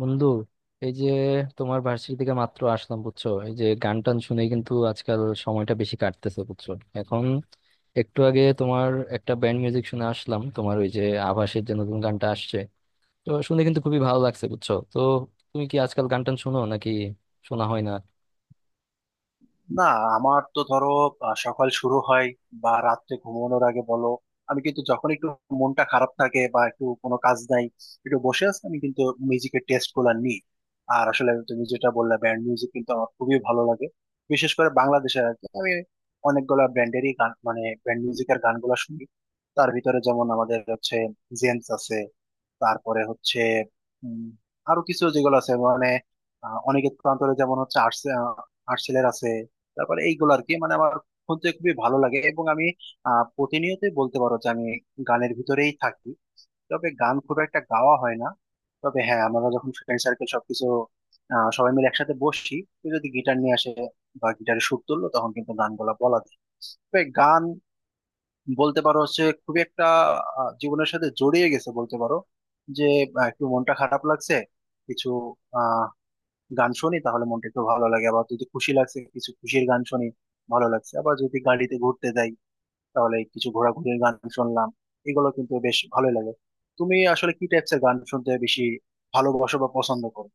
বন্ধু, এই যে তোমার ভার্সিটি থেকে মাত্র আসলাম বুঝছো, এই যে গান টান শুনে কিন্তু আজকাল সময়টা বেশি কাটতেছে বুঝছো। এখন একটু আগে তোমার একটা ব্যান্ড মিউজিক শুনে আসলাম, তোমার ওই যে আভাসের যে নতুন গানটা আসছে, তো শুনে কিন্তু খুবই ভালো লাগছে বুঝছো। তো তুমি কি আজকাল গান টান শুনো নাকি শোনা হয় না? না, আমার তো ধরো সকাল শুরু হয় বা রাত্রে ঘুমানোর আগে বলো, আমি কিন্তু যখন একটু মনটা খারাপ থাকে বা একটু কোনো কাজ নাই, একটু বসে আছি আমি কিন্তু মিউজিকের টেস্ট গুলা নিই। আর আসলে তুমি যেটা বললে, ব্যান্ড মিউজিক কিন্তু আমার খুবই ভালো লাগে। বিশেষ করে বাংলাদেশের আর কি, আমি অনেকগুলো ব্যান্ডেরই গান মানে ব্যান্ড মিউজিকের গানগুলো শুনি। তার ভিতরে যেমন আমাদের হচ্ছে জেমস আছে, তারপরে হচ্ছে উম, আরো কিছু যেগুলো আছে মানে অনেকের প্রান্তরে যেমন হচ্ছে আর্টস, আর্টসেলের আছে। তারপরে এইগুলো আর কি, মানে আমার শুনতে খুবই ভালো লাগে এবং আমি প্রতিনিয়তই বলতে পারো যে আমি গানের ভিতরেই থাকি। তবে গান খুব একটা গাওয়া হয় না। তবে হ্যাঁ, আমরা যখন ফ্রেন্ড সার্কেল সবকিছু, সবাই মিলে একসাথে বসছি, কেউ যদি গিটার নিয়ে আসে বা গিটারে সুর তুললো, তখন কিন্তু গানগুলো বলা বলা যায়। তবে গান বলতে পারো হচ্ছে খুবই একটা জীবনের সাথে জড়িয়ে গেছে বলতে পারো। যে একটু মনটা খারাপ লাগছে, কিছু গান শুনি তাহলে মনটা একটু ভালো লাগে। আবার যদি খুশি লাগছে, কিছু খুশির গান শুনি, ভালো লাগছে। আবার যদি গাড়িতে ঘুরতে যাই, তাহলে কিছু ঘোরাঘুরির গান শুনলাম, এগুলো কিন্তু বেশ ভালোই লাগে। তুমি আসলে কি টাইপসের গান শুনতে বেশি ভালোবাসো বা পছন্দ করো?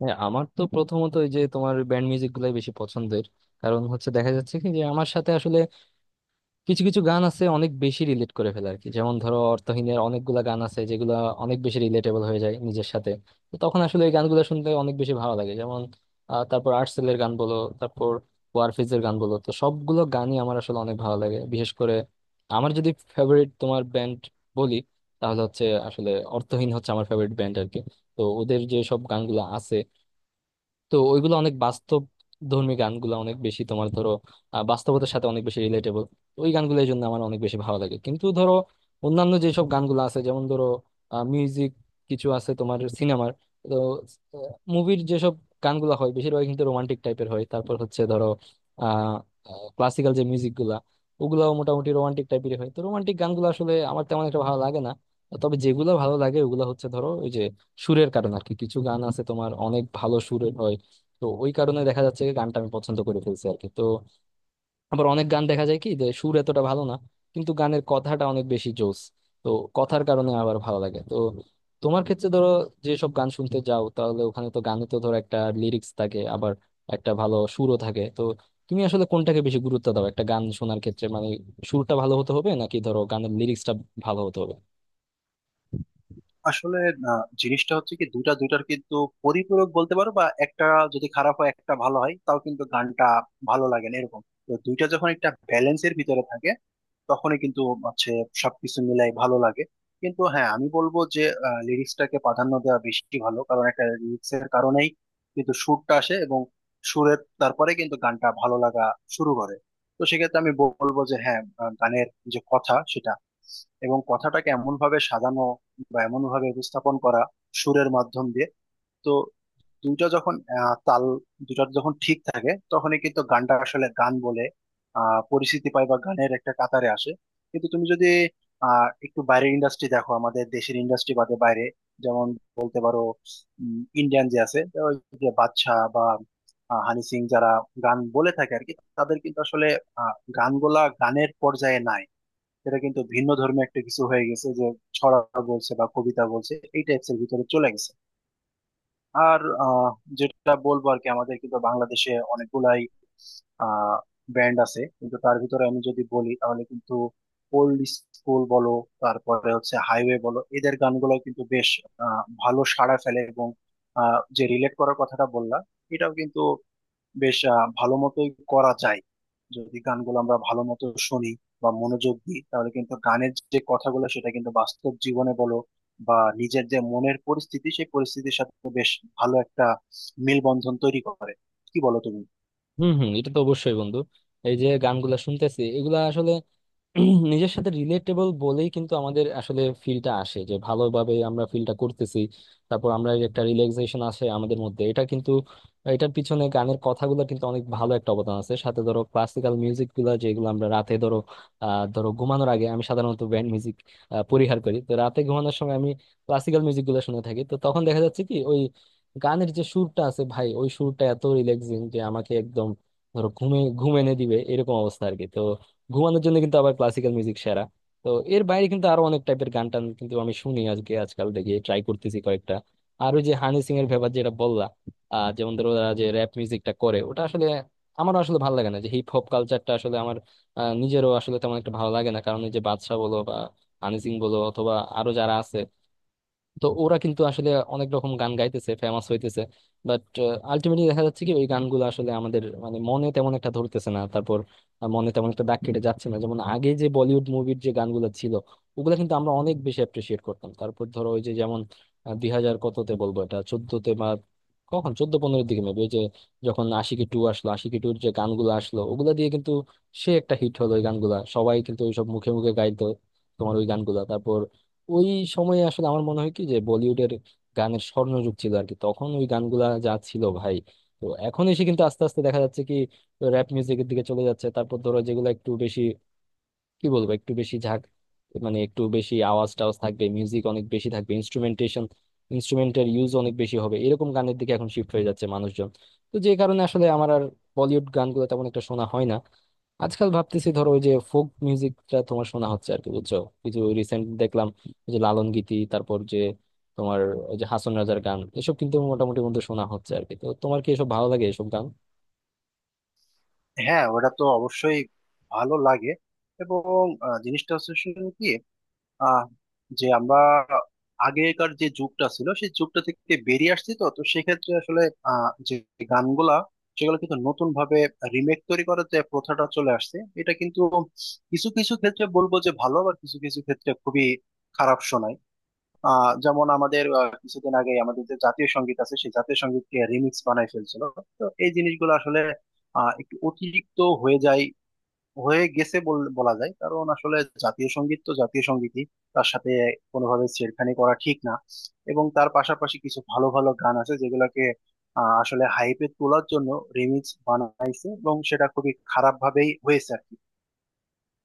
হ্যাঁ, আমার তো প্রথমত ওই যে তোমার ব্যান্ড মিউজিক গুলাই বেশি পছন্দের। কারণ হচ্ছে দেখা যাচ্ছে কি যে আমার সাথে আসলে কিছু কিছু গান আছে অনেক বেশি রিলেট করে ফেলে আর কি। যেমন ধরো অর্থহীনের অনেকগুলা গান আছে যেগুলো অনেক বেশি রিলেটেবল হয়ে যায় নিজের সাথে। তো তখন আসলে এই গানগুলো শুনতে অনেক বেশি ভালো লাগে। যেমন তারপর আর্টসেলের গান বলো, তারপর ওয়ারফিজের গান বলো, তো সবগুলো গানই আমার আসলে অনেক ভালো লাগে। বিশেষ করে আমার যদি ফেভারিট তোমার ব্যান্ড বলি, তাহলে হচ্ছে আসলে অর্থহীন হচ্ছে আমার ফেভারিট ব্যান্ড আর কি। তো ওদের যে সব গানগুলো আছে, তো ওইগুলো অনেক বাস্তব ধর্মী গানগুলো অনেক বেশি তোমার ধরো বাস্তবতার সাথে অনেক বেশি রিলেটেবল ওই গানগুলো, এই জন্য আমার অনেক বেশি ভালো লাগে। কিন্তু ধরো অন্যান্য যেসব গানগুলো আছে, যেমন ধরো মিউজিক কিছু আছে তোমার সিনেমার, তো মুভির যেসব গানগুলো হয় বেশিরভাগ কিন্তু রোমান্টিক টাইপের হয়। তারপর হচ্ছে ধরো আহ ক্লাসিক্যাল যে মিউজিক গুলা, ওগুলাও মোটামুটি রোমান্টিক টাইপের হয়। তো রোমান্টিক গানগুলো আসলে আমার তেমন একটা ভালো লাগে না। তবে যেগুলো ভালো লাগে ওগুলো হচ্ছে ধরো ওই যে সুরের কারণে আর কি। কিছু গান আছে তোমার অনেক ভালো সুরের হয়, তো ওই কারণে দেখা যাচ্ছে কি গানটা আমি পছন্দ করে ফেলছি আর কি। তো আবার অনেক গান দেখা যায় কি যে সুর এতটা ভালো না, কিন্তু গানের কথাটা অনেক বেশি জোস, তো কথার কারণে আবার ভালো লাগে। তো তোমার ক্ষেত্রে ধরো যেসব গান শুনতে যাও, তাহলে ওখানে তো গানে তো ধরো একটা লিরিক্স থাকে, আবার একটা ভালো সুরও থাকে। তো তুমি আসলে কোনটাকে বেশি গুরুত্ব দাও একটা গান শোনার ক্ষেত্রে, মানে সুরটা ভালো হতে হবে নাকি ধরো গানের লিরিক্সটা ভালো হতে হবে? আসলে জিনিসটা হচ্ছে কি, দুইটা দুইটার কিন্তু পরিপূরক বলতে পারো। বা একটা যদি খারাপ হয় একটা ভালো হয় তাও কিন্তু গানটা ভালো লাগে না এরকম। তো দুইটা যখন একটা ব্যালেন্সের ভিতরে থাকে তখনই কিন্তু হচ্ছে সবকিছু মিলাই ভালো লাগে। কিন্তু হ্যাঁ, আমি বলবো যে লিরিক্সটাকে প্রাধান্য দেওয়া বেশি ভালো। কারণ একটা লিরিক্সের কারণেই কিন্তু সুরটা আসে এবং সুরের তারপরে কিন্তু গানটা ভালো লাগা শুরু করে। তো সেক্ষেত্রে আমি বলবো যে হ্যাঁ, গানের যে কথা সেটা এবং কথাটাকে এমন ভাবে সাজানো বা এমন ভাবে উপস্থাপন করা সুরের মাধ্যম দিয়ে। তো দুইটা যখন তাল, দুইটা যখন ঠিক থাকে তখনই কিন্তু গানটা আসলে গান বলে পরিচিতি পায় বা গানের একটা কাতারে আসে। কিন্তু তুমি যদি একটু বাইরের ইন্ডাস্ট্রি দেখো, আমাদের দেশের ইন্ডাস্ট্রি বাদে বাইরে, যেমন বলতে পারো ইন্ডিয়ান যে আছে, তো ওই যে বাদশা বা হানি সিং, যারা গান বলে থাকে আর কি, তাদের কিন্তু আসলে আহ, গানগুলা গানের পর্যায়ে নাই। এটা কিন্তু ভিন্ন ধর্মী একটা কিছু হয়ে গেছে, যে ছড়া বলছে বা কবিতা বলছে এই টাইপস এর ভিতরে চলে গেছে। আর যেটা বলবো আর কি, আমাদের কিন্তু বাংলাদেশে অনেকগুলাই আহ ব্যান্ড আছে, কিন্তু তার ভিতরে আমি যদি বলি তাহলে কিন্তু ওল্ড স্কুল বলো, তারপরে হচ্ছে হাইওয়ে বলো, এদের গানগুলো কিন্তু বেশ ভালো সাড়া ফেলে। এবং যে রিলেট করার কথাটা বললা, এটাও কিন্তু বেশ ভালো মতোই করা যায়। যদি গানগুলো আমরা ভালো মতো শুনি বা মনোযোগ দিই, তাহলে কিন্তু গানের যে কথাগুলো সেটা কিন্তু বাস্তব জীবনে বলো বা নিজের যে মনের পরিস্থিতি, সেই পরিস্থিতির সাথে বেশ ভালো একটা মেলবন্ধন তৈরি করে। কি বলো তুমি? হুম হুম, এটা তো অবশ্যই বন্ধু। এই যে গানগুলা শুনতেছি এগুলা নিজের সাথে রিলেটেবল বলেই কিন্তু আমাদের আসলে ফিলটা আসে, যে ভালোভাবে আমরা ফিলটা করতেছি। তারপর আমরা এই একটা রিল্যাক্সেশন আসে আমাদের মধ্যে, এটা কিন্তু, এটার পিছনে গানের কথাগুলো কিন্তু অনেক ভালো একটা অবদান আছে। সাথে ধরো ক্লাসিক্যাল মিউজিক গুলা যেগুলো আমরা রাতে ধরো ধরো ঘুমানোর আগে আমি সাধারণত ব্যান্ড মিউজিক পরিহার করি। তো রাতে ঘুমানোর সময় আমি ক্লাসিক্যাল মিউজিক গুলো শুনে থাকি। তো তখন দেখা যাচ্ছে কি ওই গানের যে সুরটা আছে ভাই, ওই সুরটা এত রিল্যাক্সিং যে আমাকে একদম ধরো ঘুমে ঘুম এনে দিবে এরকম অবস্থা আর কি। তো ঘুমানোর জন্য কিন্তু আবার ক্লাসিক্যাল মিউজিক সেরা। তো এর বাইরে কিন্তু আরো অনেক টাইপের গান টান কিন্তু আমি শুনি, আজকে আজকাল দেখি ট্রাই করতেছি কয়েকটা। আর ওই যে হানি সিং এর ব্যাপার যেটা বললা, যেমন ধরো ওরা যে র্যাপ মিউজিকটা করে ওটা আসলে আমার আসলে ভালো লাগে না। যে হিপ হপ কালচারটা আসলে আমার নিজেরও আসলে তেমন একটা ভালো লাগে না। কারণ এই যে বাদশা বলো বা হানি সিং বলো অথবা আরো যারা আছে, তো ওরা কিন্তু আসলে অনেক রকম গান গাইতেছে, ফেমাস হইতেছে। বাট আলটিমেটলি দেখা যাচ্ছে কি ওই গানগুলো আসলে আমাদের মানে মনে তেমন একটা ধরতেছে না, তারপর মনে তেমন একটা দাগ কেটে যাচ্ছে না। যেমন আগে যে বলিউড মুভির যে গানগুলো ছিল, ওগুলো কিন্তু আমরা অনেক বেশি অ্যাপ্রিসিয়েট করতাম। তারপর ধরো ওই যে যেমন দুই হাজার কততে বলবো, এটা চোদ্দতে বা কখন চোদ্দ পনেরোর দিকে মেবি, ওই যে যখন আশিকি টু আসলো, আশিকি টুর যে গানগুলো আসলো ওগুলা দিয়ে কিন্তু সে একটা হিট হলো। ওই গানগুলা সবাই কিন্তু ওইসব মুখে মুখে গাইতো, তোমার ওই গানগুলা। তারপর ওই সময়ে আসলে আমার মনে হয় কি যে বলিউডের গানের স্বর্ণযুগ ছিল আর কি, তখন ওই গানগুলা যা ছিল ভাই। তো এখন এসে কিন্তু আস্তে আস্তে দেখা যাচ্ছে কি র্যাপ মিউজিকের দিকে চলে যাচ্ছে। তারপর ধরো যেগুলো একটু বেশি, কি বলবো, একটু বেশি ঝাঁক, মানে একটু বেশি আওয়াজ টাওয়াজ থাকবে, মিউজিক অনেক বেশি থাকবে, ইনস্ট্রুমেন্টেশন ইনস্ট্রুমেন্টের ইউজ অনেক বেশি হবে, এরকম গানের দিকে এখন শিফট হয়ে যাচ্ছে মানুষজন। তো যে কারণে আসলে আমার আর বলিউড গানগুলো তেমন একটা শোনা হয় না। আজকাল ভাবতেছি ধরো ওই যে ফোক মিউজিকটা তোমার শোনা হচ্ছে আর কি বুঝছো। কিছু রিসেন্ট দেখলাম ওই যে লালন গীতি, তারপর যে তোমার ওই যে হাসন রাজার গান, এসব কিন্তু মোটামুটি বন্ধু শোনা হচ্ছে আর কি। তো তোমার কি এসব ভালো লাগে এসব গান? হ্যাঁ, ওটা তো অবশ্যই ভালো লাগে। এবং জিনিসটা হচ্ছে শুধু কি আহ যে আমরা আগেকার যে যুগটা ছিল সেই যুগটা থেকে বেরিয়ে আসছি, তো তো সেক্ষেত্রে আসলে যে গানগুলা, সেগুলো কিন্তু নতুন ভাবে রিমেক তৈরি করার যে প্রথাটা চলে আসছে, এটা কিন্তু কিছু কিছু ক্ষেত্রে বলবো যে ভালো, আবার কিছু কিছু ক্ষেত্রে খুবই খারাপ শোনায়। যেমন আমাদের কিছুদিন আগে আমাদের যে জাতীয় সঙ্গীত আছে, সেই জাতীয় সঙ্গীতকে রিমিক্স বানায় ফেলছিল। তো এই জিনিসগুলো আসলে একটু অতিরিক্ত হয়ে যায়, হয়ে গেছে বলা যায়। কারণ আসলে জাতীয় সঙ্গীত তো জাতীয় সঙ্গীতই, তার সাথে কোনোভাবে ছেড়খানি করা ঠিক না। এবং তার পাশাপাশি কিছু ভালো ভালো গান আছে যেগুলোকে আসলে হাইপে তোলার জন্য রিমিক্স বানাইছে এবং সেটা খুবই খারাপ ভাবেই হয়েছে আর কি।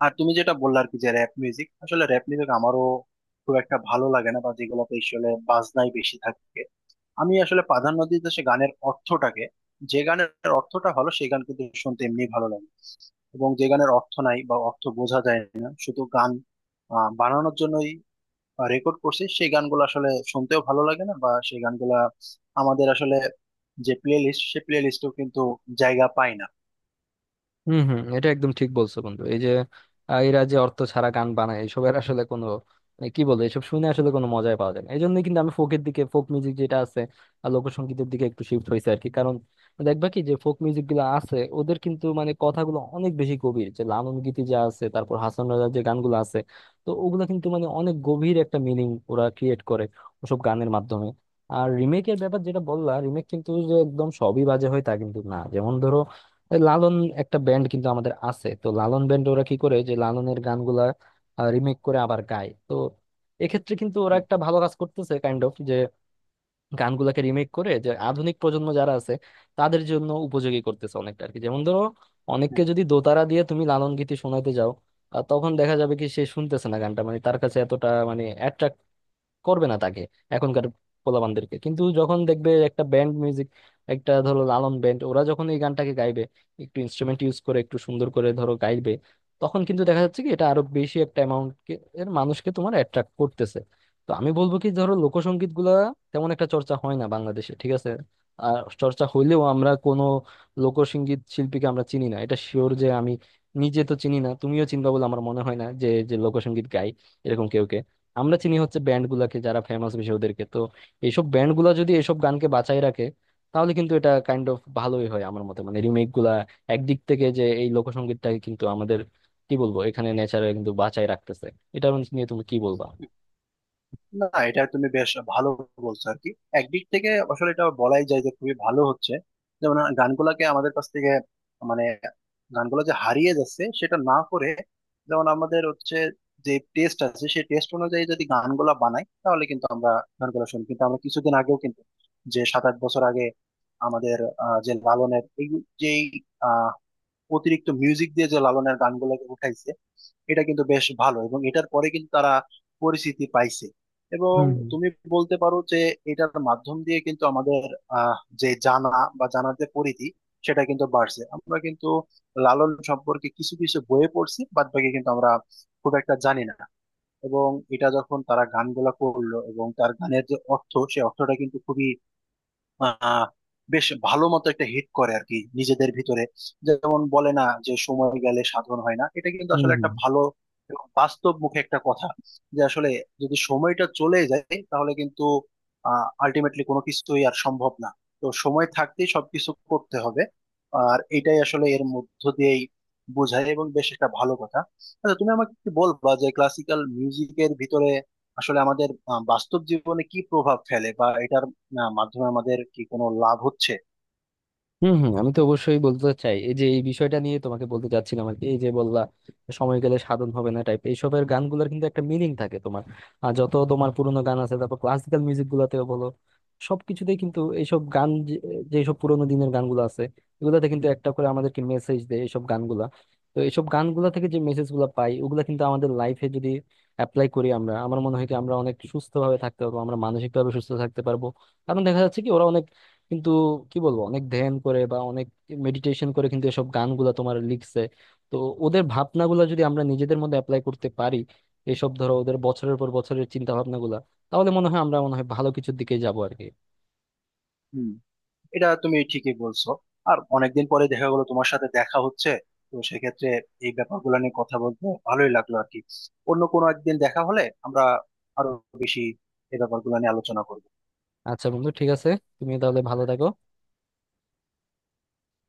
আর তুমি যেটা বললে আর কি, যে র্যাপ মিউজিক, আসলে র্যাপ মিউজিক আমারও খুব একটা ভালো লাগে না, বা যেগুলোতে আসলে বাজনাই বেশি থাকে। আমি আসলে প্রাধান্য দিতে সে গানের অর্থটাকে। যে গানের অর্থটা ভালো সেই গান কিন্তু শুনতে এমনি ভালো লাগে। এবং যে গানের অর্থ নাই বা অর্থ বোঝা যায় না, শুধু গান বানানোর জন্যই রেকর্ড করছে, সেই গানগুলো আসলে শুনতেও ভালো লাগে না। বা সেই গানগুলা আমাদের আসলে যে প্লে লিস্ট, সেই প্লে লিস্টেও কিন্তু জায়গা পায় না। হম হম, এটা একদম ঠিক বলছো বন্ধু। এই যে এরা যে অর্থ ছাড়া গান বানায় এসবের আসলে কোনো মানে, কি বলবো, এসব শুনে আসলে কোনো মজাই পাওয়া যায় না। এই জন্যই কিন্তু আমি ফোকের দিকে, ফোক মিউজিক যেটা আছে আর লোকসঙ্গীতের দিকে একটু শিফট হয়েছে আর কি। কারণ দেখবা কি যে ফোক মিউজিক গুলো আছে ওদের কিন্তু মানে কথাগুলো অনেক বেশি গভীর। যে লালন গীতি যা আছে, তারপর হাসান রাজার যে গানগুলো আছে, তো ওগুলো কিন্তু মানে অনেক গভীর একটা মিনিং ওরা ক্রিয়েট করে ওসব গানের মাধ্যমে। আর রিমেকের ব্যাপার যেটা বললা, রিমেক কিন্তু যে একদম সবই বাজে হয় তা কিন্তু না। যেমন ধরো এই লালন, একটা ব্যান্ড কিন্তু আমাদের আছে তো, লালন ব্যান্ড, ওরা কি করে যে লালনের গানগুলা রিমেক করে আবার গায়। তো এক্ষেত্রে কিন্তু ওরা হুম, একটা ভালো কাজ করতেছে কাইন্ড অফ, যে গানগুলাকে রিমেক করে যে আধুনিক প্রজন্ম যারা আছে তাদের জন্য উপযোগী করতেছে অনেকটা আর কি। যেমন ধরো অনেককে হুম। যদি দোতারা দিয়ে তুমি লালন গীতি শোনাতে যাও, তখন দেখা যাবে কি সে শুনতেছে না গানটা, মানে তার কাছে এতটা মানে করবে না। তাকে এখনকার পোলাপানদেরকে কিন্তু যখন দেখবে একটা ব্যান্ড মিউজিক, একটা ধরো লালন ব্যান্ড ওরা যখন এই গানটাকে গাইবে, একটু ইনস্ট্রুমেন্ট ইউজ করে একটু সুন্দর করে ধরো গাইবে, তখন কিন্তু দেখা যাচ্ছে কি এটা আরো বেশি একটা অ্যামাউন্ট এর মানুষকে তোমার অ্যাট্রাক্ট করতেছে। তো আমি বলবো কি ধরো লোকসঙ্গীত গুলা তেমন একটা চর্চা হয় না বাংলাদেশে, ঠিক আছে। আর চর্চা হইলেও আমরা কোনো লোকসঙ্গীত শিল্পীকে আমরা চিনি না, এটা শিওর। যে আমি নিজে তো চিনি না, তুমিও চিনবা বলে আমার মনে হয় না, যে যে লোকসঙ্গীত গাই এরকম কেউ। আমরা চিনি হচ্ছে ব্যান্ড গুলাকে যারা ফেমাস বেশি ওদেরকে। তো এইসব ব্যান্ড গুলা যদি এসব গানকে বাঁচাই রাখে, তাহলে কিন্তু এটা কাইন্ড অফ ভালোই হয় আমার মতে। মানে রিমেক গুলা একদিক থেকে যে এই লোকসঙ্গীতটাকে কিন্তু আমাদের কি বলবো এখানে নেচারে কিন্তু বাঁচাই রাখতেছে। এটা নিয়ে তুমি কি বলবা? না, এটা তুমি বেশ ভালো বলছো আর কি। একদিক থেকে আসলে এটা বলাই যায় যে খুবই ভালো হচ্ছে। যেমন গানগুলাকে আমাদের কাছ থেকে মানে গানগুলো যে হারিয়ে যাচ্ছে সেটা না করে, যেমন আমাদের হচ্ছে যে টেস্ট আছে সেই টেস্ট অনুযায়ী যদি গানগুলা বানাই তাহলে কিন্তু আমরা গানগুলো শুনি। কিন্তু আমরা কিছুদিন আগেও কিন্তু, যে 7-8 বছর আগে, আমাদের যে লালনের এই যে অতিরিক্ত মিউজিক দিয়ে যে লালনের গানগুলোকে উঠাইছে, এটা কিন্তু বেশ ভালো। এবং এটার পরে কিন্তু তারা পরিচিতি পাইছে। এবং হুম হুম। তুমি বলতে পারো যে এটার মাধ্যম দিয়ে কিন্তু আমাদের আহ, যে জানা বা জানার যে পরিধি, সেটা কিন্তু বাড়ছে। আমরা কিন্তু লালন সম্পর্কে কিছু কিছু বইয়ে পড়ছি, বাদ বাকি কিন্তু আমরা খুব একটা জানি না। এবং এটা যখন তারা গানগুলা করলো এবং তার গানের যে অর্থ সে অর্থটা কিন্তু খুবই আহ বেশ ভালো মতো একটা হিট করে আর কি নিজেদের ভিতরে। যেমন বলে না যে সময় গেলে সাধন হয় না, এটা কিন্তু হুম আসলে একটা হুম। ভালো বাস্তব মুখে একটা কথা। যে আসলে যদি সময়টা চলে যায় তাহলে কিন্তু আলটিমেটলি কোনো কিছুই আর সম্ভব না। তো সময় থাকতেই সবকিছু করতে হবে। আর এটাই আসলে এর মধ্য দিয়েই বোঝায় এবং বেশ একটা ভালো কথা। আচ্ছা, তুমি আমাকে কি বলবা যে ক্লাসিক্যাল মিউজিকের ভিতরে আসলে আমাদের বাস্তব জীবনে কি প্রভাব ফেলে বা এটার না মাধ্যমে আমাদের কি কোনো লাভ হচ্ছে? হম হম, আমি তো অবশ্যই বলতে চাই এই যে এই বিষয়টা নিয়ে তোমাকে বলতে চাচ্ছিলাম আর কি। এই যে বললা সময় গেলে সাধন হবে না টাইপ, এইসবের গানগুলোর কিন্তু একটা মিনিং থাকে তোমার। আর যত তোমার পুরোনো গান আছে, তারপর ক্লাসিক্যাল মিউজিক গুলাতেও বলো সবকিছুতেই কিন্তু এইসব গান যেসব পুরোনো দিনের গানগুলো আছে এগুলাতে কিন্তু একটা করে আমাদেরকে মেসেজ দেয় এইসব গানগুলা। তো এইসব গানগুলা থেকে যে মেসেজ গুলা পাই ওগুলা কিন্তু আমাদের লাইফে যদি অ্যাপ্লাই করি আমরা, আমার মনে হয় কি আমরা অনেক সুস্থ ভাবে থাকতে পারবো, আমরা মানসিক ভাবে সুস্থ থাকতে পারবো। কারণ দেখা যাচ্ছে কি ওরা অনেক কিন্তু, কি বলবো, অনেক ধ্যান করে বা অনেক মেডিটেশন করে কিন্তু এসব গানগুলা তোমার লিখছে। তো ওদের ভাবনাগুলা যদি আমরা নিজেদের মধ্যে অ্যাপ্লাই করতে পারি, এসব ধরো ওদের বছরের পর বছরের চিন্তা ভাবনাগুলা, তাহলে মনে হয় আমরা মনে হয় ভালো কিছুর দিকে যাবো আর কি। হুম, এটা তুমি ঠিকই বলছো। আর অনেকদিন পরে দেখা গেলো তোমার সাথে দেখা হচ্ছে, তো সেক্ষেত্রে এই ব্যাপারগুলো নিয়ে কথা বলতে ভালোই লাগলো আর কি। অন্য কোনো একদিন দেখা হলে আমরা আরো বেশি এই ব্যাপারগুলো নিয়ে আলোচনা করবো। আচ্ছা বন্ধু, ঠিক আছে, তুমি তাহলে ভালো থাকো।